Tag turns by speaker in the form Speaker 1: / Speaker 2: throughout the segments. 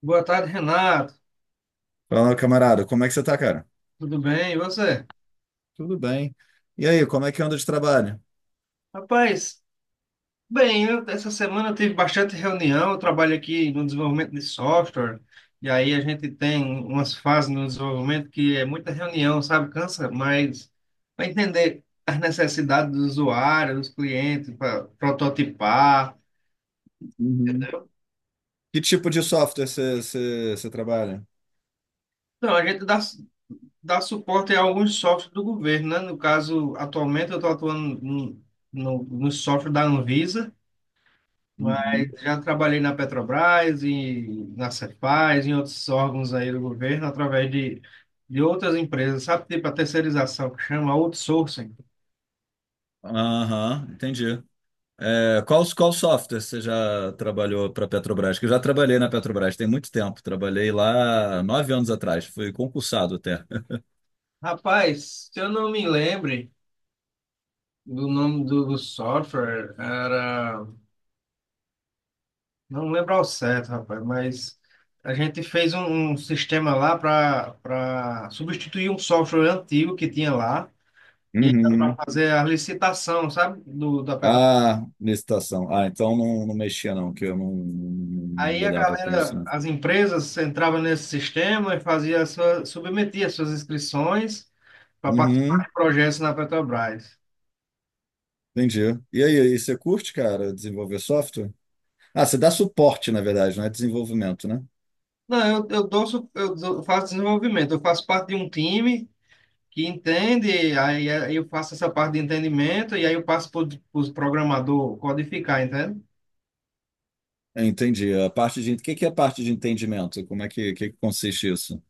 Speaker 1: Boa tarde, Renato.
Speaker 2: Fala, camarada, como é que você tá, cara?
Speaker 1: Tudo bem? E você?
Speaker 2: Tudo bem. E aí, como é que anda de trabalho?
Speaker 1: Rapaz, bem, essa semana eu tive bastante reunião. Eu trabalho aqui no desenvolvimento de software, e aí a gente tem umas fases no desenvolvimento que é muita reunião, sabe? Cansa, mas para entender as necessidades do usuário, dos clientes, para prototipar,
Speaker 2: Uhum.
Speaker 1: entendeu?
Speaker 2: Que tipo de software você trabalha?
Speaker 1: Então, dá suporte a alguns softwares do governo, né? No caso, atualmente eu estou atuando no software da Anvisa. Mas
Speaker 2: Uhum.
Speaker 1: já trabalhei na Petrobras e na Cefaz, em outros órgãos aí do governo, de outras empresas, sabe? Tipo a terceirização, que chama outsourcing.
Speaker 2: Aham, entendi. É, qual software você já trabalhou para Petrobras? Que eu já trabalhei na Petrobras tem muito tempo. Trabalhei lá 9 anos atrás, fui concursado até.
Speaker 1: Rapaz, se eu não me lembre do nome do software, era... Não lembro ao certo, rapaz, mas a gente fez um sistema lá para substituir um software antigo que tinha lá, e era para
Speaker 2: Uhum.
Speaker 1: fazer a licitação, sabe? Da Petrobras.
Speaker 2: Ah, licitação. Ah, então não, não mexia não, que eu não, não, não
Speaker 1: Aí a
Speaker 2: lidava com isso,
Speaker 1: galera,
Speaker 2: não.
Speaker 1: as empresas entravam nesse sistema e submetia suas inscrições para participar
Speaker 2: Uhum,
Speaker 1: de projetos na Petrobras.
Speaker 2: entendi. E aí, e você curte, cara, desenvolver software? Ah, você dá suporte, na verdade, não é desenvolvimento, né?
Speaker 1: Não, eu, dou, su- eu dou- faço desenvolvimento, eu faço parte de um time que entende, aí eu faço essa parte de entendimento e aí eu passo para os programador codificar.
Speaker 2: É, entendi. A parte de, o que que é a parte de entendimento? Como é que consiste isso?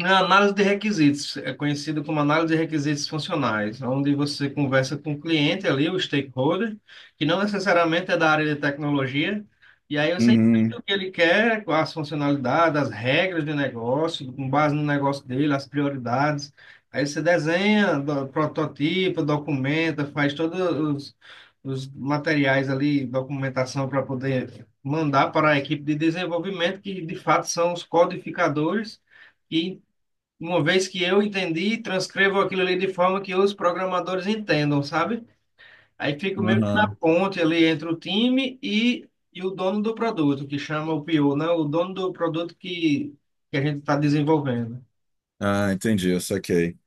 Speaker 1: A análise de requisitos é conhecida como análise de requisitos funcionais, onde você conversa com o cliente ali, o stakeholder, que não necessariamente é da área de tecnologia, e aí você entende
Speaker 2: Uhum,
Speaker 1: o que ele quer, as funcionalidades, as regras de negócio, com base no negócio dele, as prioridades. Aí você desenha, prototipa, documenta, faz os materiais ali, documentação para poder mandar para a equipe de desenvolvimento, que de fato são os codificadores que, uma vez que eu entendi, transcrevo aquilo ali de forma que os programadores entendam, sabe? Aí fico meio que na
Speaker 2: uhum.
Speaker 1: ponte ali entre o time e o dono do produto, que chama o PO, né? O dono do produto que a gente está desenvolvendo.
Speaker 2: Ah, entendi, eu saquei.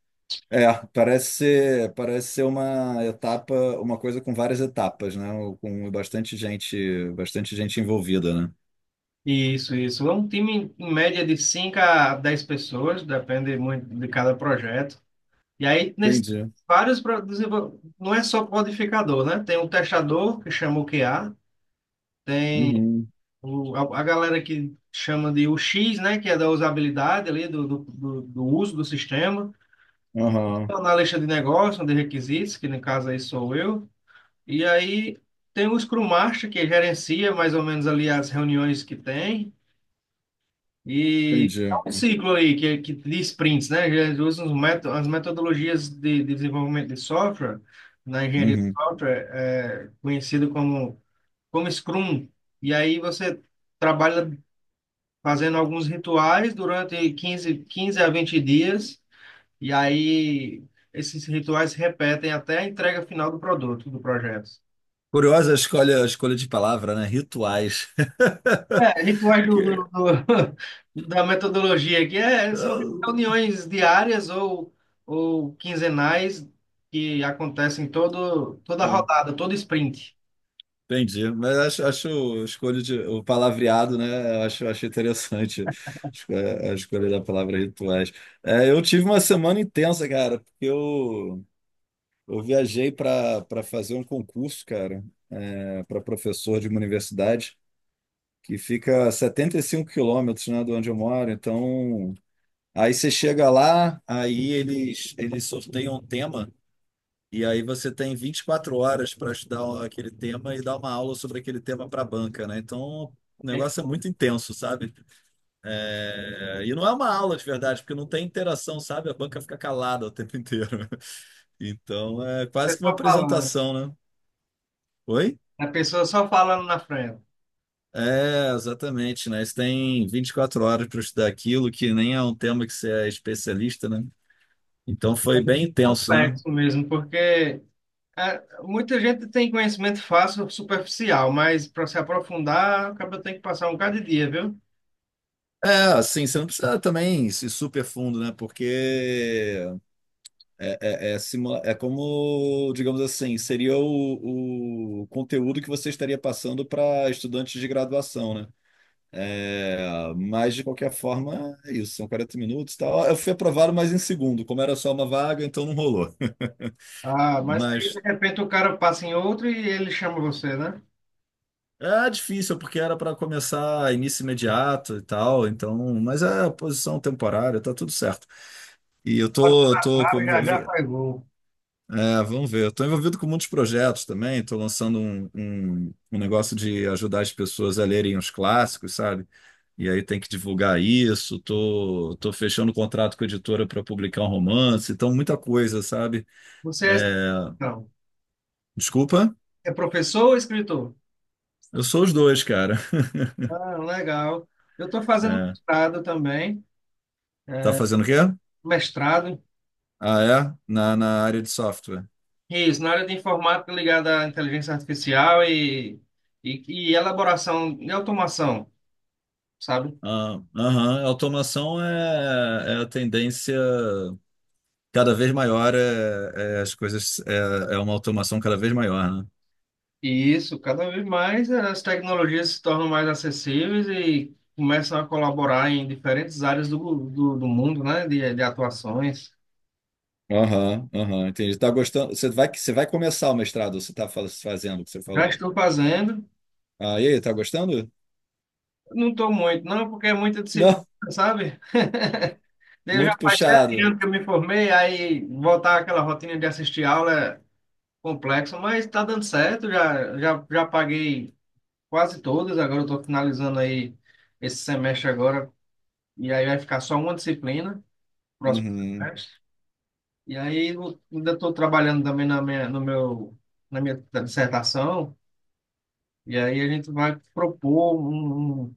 Speaker 2: É, parece ser uma etapa, uma coisa com várias etapas, né? Com bastante gente envolvida, né?
Speaker 1: Isso. É um time em média de 5 a 10 pessoas, depende muito de cada projeto. E aí, nesse,
Speaker 2: Entendi.
Speaker 1: não é só codificador, né? Tem um testador, que chama o QA.
Speaker 2: Uhum.
Speaker 1: A galera que chama de UX, né, que é da usabilidade ali, do uso do sistema.
Speaker 2: Aham.
Speaker 1: Então, na lista de negócios, de requisitos, que no caso aí sou eu. E aí tem o Scrum Master, que gerencia mais ou menos ali as reuniões que tem. E
Speaker 2: Entendi.
Speaker 1: é um ciclo aí, que de sprints, né? Eles usam as metodologias de desenvolvimento de software, na engenharia de
Speaker 2: Uhum.
Speaker 1: software, é conhecido como Scrum. E aí você trabalha fazendo alguns rituais durante quinze a 20 dias, e aí esses rituais se repetem até a entrega final do produto, do projeto.
Speaker 2: Curiosa a escolha de palavra, né? Rituais.
Speaker 1: É, rituais
Speaker 2: Que-
Speaker 1: da metodologia aqui é, são
Speaker 2: eu-
Speaker 1: reuniões ou quinzenais que acontecem toda
Speaker 2: Sim,
Speaker 1: rodada, todo sprint.
Speaker 2: entendi. Mas acho o escolho de o palavreado, né? Eu acho interessante a escolha da palavra rituais. É, eu tive uma semana intensa, cara, porque eu viajei para fazer um concurso, cara, para professor de uma universidade que fica a 75 quilômetros, né, de onde eu moro. Então, aí você chega lá, aí eles sorteiam um tema, e aí você tem 24 horas para estudar aquele tema e dar uma aula sobre aquele tema para a banca, né? Então, o
Speaker 1: É,
Speaker 2: negócio é muito intenso, sabe? É, e não é uma aula de verdade, porque não tem interação, sabe? A banca fica calada o tempo inteiro. Então, é
Speaker 1: a
Speaker 2: quase que uma
Speaker 1: pessoa falando,
Speaker 2: apresentação, né? Oi?
Speaker 1: a pessoa só falando na frente.
Speaker 2: É, exatamente, né? Você tem 24 horas para estudar aquilo, que nem é um tema que você é especialista, né? Então foi bem intenso, né?
Speaker 1: Complexo mesmo, porque é, muita gente tem conhecimento fácil, superficial, mas para se aprofundar, acaba tem que passar um bocado de dia, viu?
Speaker 2: É, assim, você não precisa também se super fundo, né? Porque é como, digamos assim, seria o conteúdo que você estaria passando para estudantes de graduação, né? É, mas, de qualquer forma, é isso, são 40 minutos e tal. Eu fui aprovado, mas em segundo. Como era só uma vaga, então não rolou.
Speaker 1: Ah, mas aí de
Speaker 2: Mas
Speaker 1: repente o cara passa em outro e ele chama você, né?
Speaker 2: é difícil, porque era para começar início imediato e tal, então, mas é posição temporária, tá tudo certo. E eu
Speaker 1: Bateu
Speaker 2: tô, eu
Speaker 1: na
Speaker 2: tô
Speaker 1: trave, já já faz gol.
Speaker 2: É, vamos ver. Estou envolvido com muitos projetos também. Estou lançando um negócio de ajudar as pessoas a lerem os clássicos, sabe? E aí tem que divulgar isso. Estou tô, tô fechando contrato com a editora para publicar um romance. Então, muita coisa, sabe?
Speaker 1: Você é,
Speaker 2: É,
Speaker 1: não,
Speaker 2: desculpa,
Speaker 1: é professor ou escritor?
Speaker 2: eu sou os dois, cara.
Speaker 1: Ah, legal. Eu estou fazendo
Speaker 2: É.
Speaker 1: mestrado também,
Speaker 2: Tá fazendo o quê?
Speaker 1: mestrado,
Speaker 2: Ah, é? Na área de software.
Speaker 1: isso, na área de informática ligada à inteligência artificial e, e elaboração e automação, sabe?
Speaker 2: Ah, aham. Automação é a tendência cada vez maior, é as coisas, é uma automação cada vez maior, né?
Speaker 1: E isso, cada vez mais as tecnologias se tornam mais acessíveis e começam a colaborar em diferentes áreas do mundo, né, de atuações.
Speaker 2: Aham, aham, entendi. Tá gostando? Você vai começar o mestrado, ou você tá fazendo o que você
Speaker 1: Já
Speaker 2: falou.
Speaker 1: estou fazendo,
Speaker 2: Ah, e aí, tá gostando?
Speaker 1: não estou muito, não, porque é muita disciplina,
Speaker 2: Não,
Speaker 1: sabe? Eu
Speaker 2: muito
Speaker 1: já faz sete
Speaker 2: puxado.
Speaker 1: anos que eu me formei, aí voltar àquela rotina de assistir aula é complexo, mas está dando certo, já paguei quase todas, agora eu estou finalizando aí esse semestre agora, e aí vai ficar só uma disciplina, próximo
Speaker 2: Uhum.
Speaker 1: semestre. E aí eu ainda estou trabalhando também na minha, no meu, na minha dissertação, e aí a gente vai propor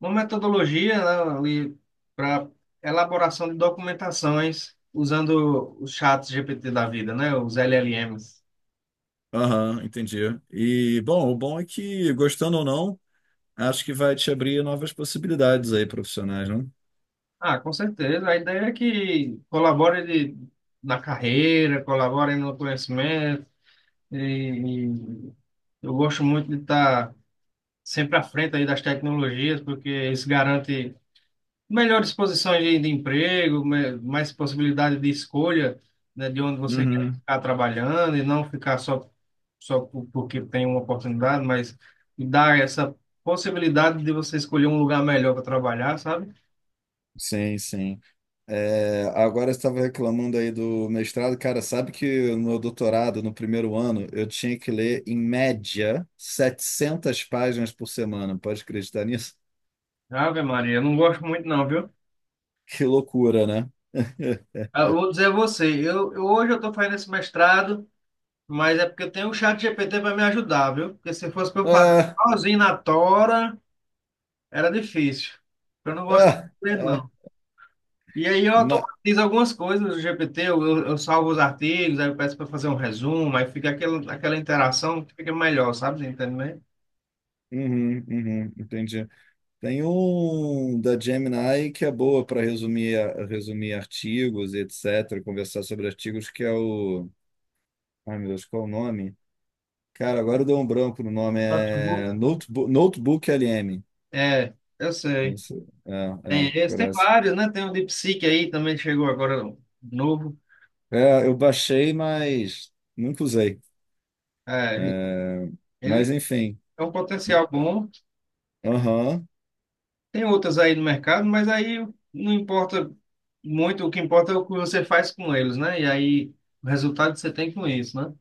Speaker 1: uma metodologia, né, ali para elaboração de documentações usando os chats GPT da vida, né, os LLMs.
Speaker 2: Aham, entendi. E, bom, o bom é que, gostando ou não, acho que vai te abrir novas possibilidades aí profissionais, não?
Speaker 1: Ah, com certeza. A ideia é que colabore de- na carreira, colabore no conhecimento. E eu gosto muito de estar sempre à frente aí das tecnologias, porque isso garante melhores posições de emprego, mais possibilidade de escolha, né, de onde você quer
Speaker 2: Uhum.
Speaker 1: ficar trabalhando e não ficar só, porque tem uma oportunidade, mas dar essa possibilidade de você escolher um lugar melhor para trabalhar, sabe?
Speaker 2: Sim, sim. É, agora eu estava reclamando aí do mestrado. Cara, sabe que no meu doutorado, no primeiro ano, eu tinha que ler, em média, 700 páginas por semana. Pode acreditar nisso?
Speaker 1: Ave Maria, eu não gosto muito não, viu?
Speaker 2: Que loucura, né?
Speaker 1: Ah, eu vou dizer a você, hoje eu estou fazendo esse mestrado, mas é porque eu tenho o chat GPT para me ajudar, viu? Porque se fosse para eu fazer
Speaker 2: Ah,
Speaker 1: sozinho na tora, era difícil. Eu não gosto de
Speaker 2: ah,
Speaker 1: aprender,
Speaker 2: ah,
Speaker 1: não. E aí eu
Speaker 2: ma-
Speaker 1: automatizo algumas coisas no GPT, eu salvo os artigos, aí eu peço para fazer um resumo, aí fica aquela interação que fica melhor, sabe? Entende bem?
Speaker 2: Uhum, uhum, entendi. Tem um da Gemini que é boa para resumir, artigos, e etc., conversar sobre artigos, que é o. Ai, meu Deus, qual é o nome? Cara, agora deu um branco no nome.
Speaker 1: Notebook.
Speaker 2: É Notebook, LM.
Speaker 1: É, eu
Speaker 2: Não
Speaker 1: sei.
Speaker 2: sei.
Speaker 1: Tem esse, tem
Speaker 2: Parece.
Speaker 1: vários, né? Tem o DeepSeek aí, também chegou agora um novo.
Speaker 2: É, eu baixei, mas nunca usei.
Speaker 1: É, ele
Speaker 2: Mas enfim.
Speaker 1: é um potencial bom.
Speaker 2: Aham,
Speaker 1: Tem outros aí no mercado, mas aí não importa muito, o que importa é o que você faz com eles, né? E aí o resultado que você tem com isso, né?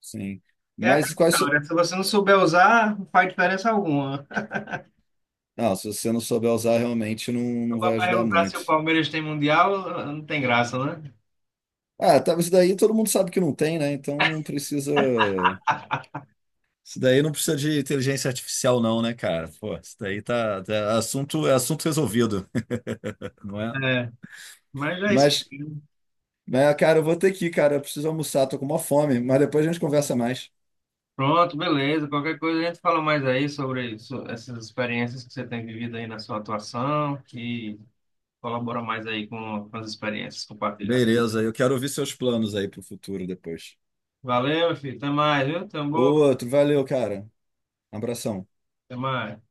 Speaker 2: sim.
Speaker 1: É a
Speaker 2: Mas quais.
Speaker 1: questão, né? Se você não souber usar, não faz diferença alguma, né?
Speaker 2: Não, se você não souber usar, realmente não,
Speaker 1: Se o
Speaker 2: não vai
Speaker 1: papai
Speaker 2: ajudar
Speaker 1: perguntar se
Speaker 2: muito.
Speaker 1: o Palmeiras tem mundial, não tem graça, né?
Speaker 2: Ah, tá, isso daí todo mundo sabe que não tem, né? Então não precisa. Isso daí não precisa de inteligência artificial, não, né, cara? Pô, isso daí é assunto resolvido, não é?
Speaker 1: É, mas é isso.
Speaker 2: Mas, cara, eu vou ter que ir, cara. Eu preciso almoçar, tô com uma fome, mas depois a gente conversa mais.
Speaker 1: Pronto, beleza. Qualquer coisa a gente fala mais aí sobre essas experiências que você tem vivido aí na sua atuação e colabora mais aí com as experiências compartilhadas.
Speaker 2: Beleza, eu quero ouvir seus planos aí pro futuro depois.
Speaker 1: Valeu, meu filho. Até mais, viu? Tamo,
Speaker 2: Outro, valeu, cara. Abração.
Speaker 1: até mais.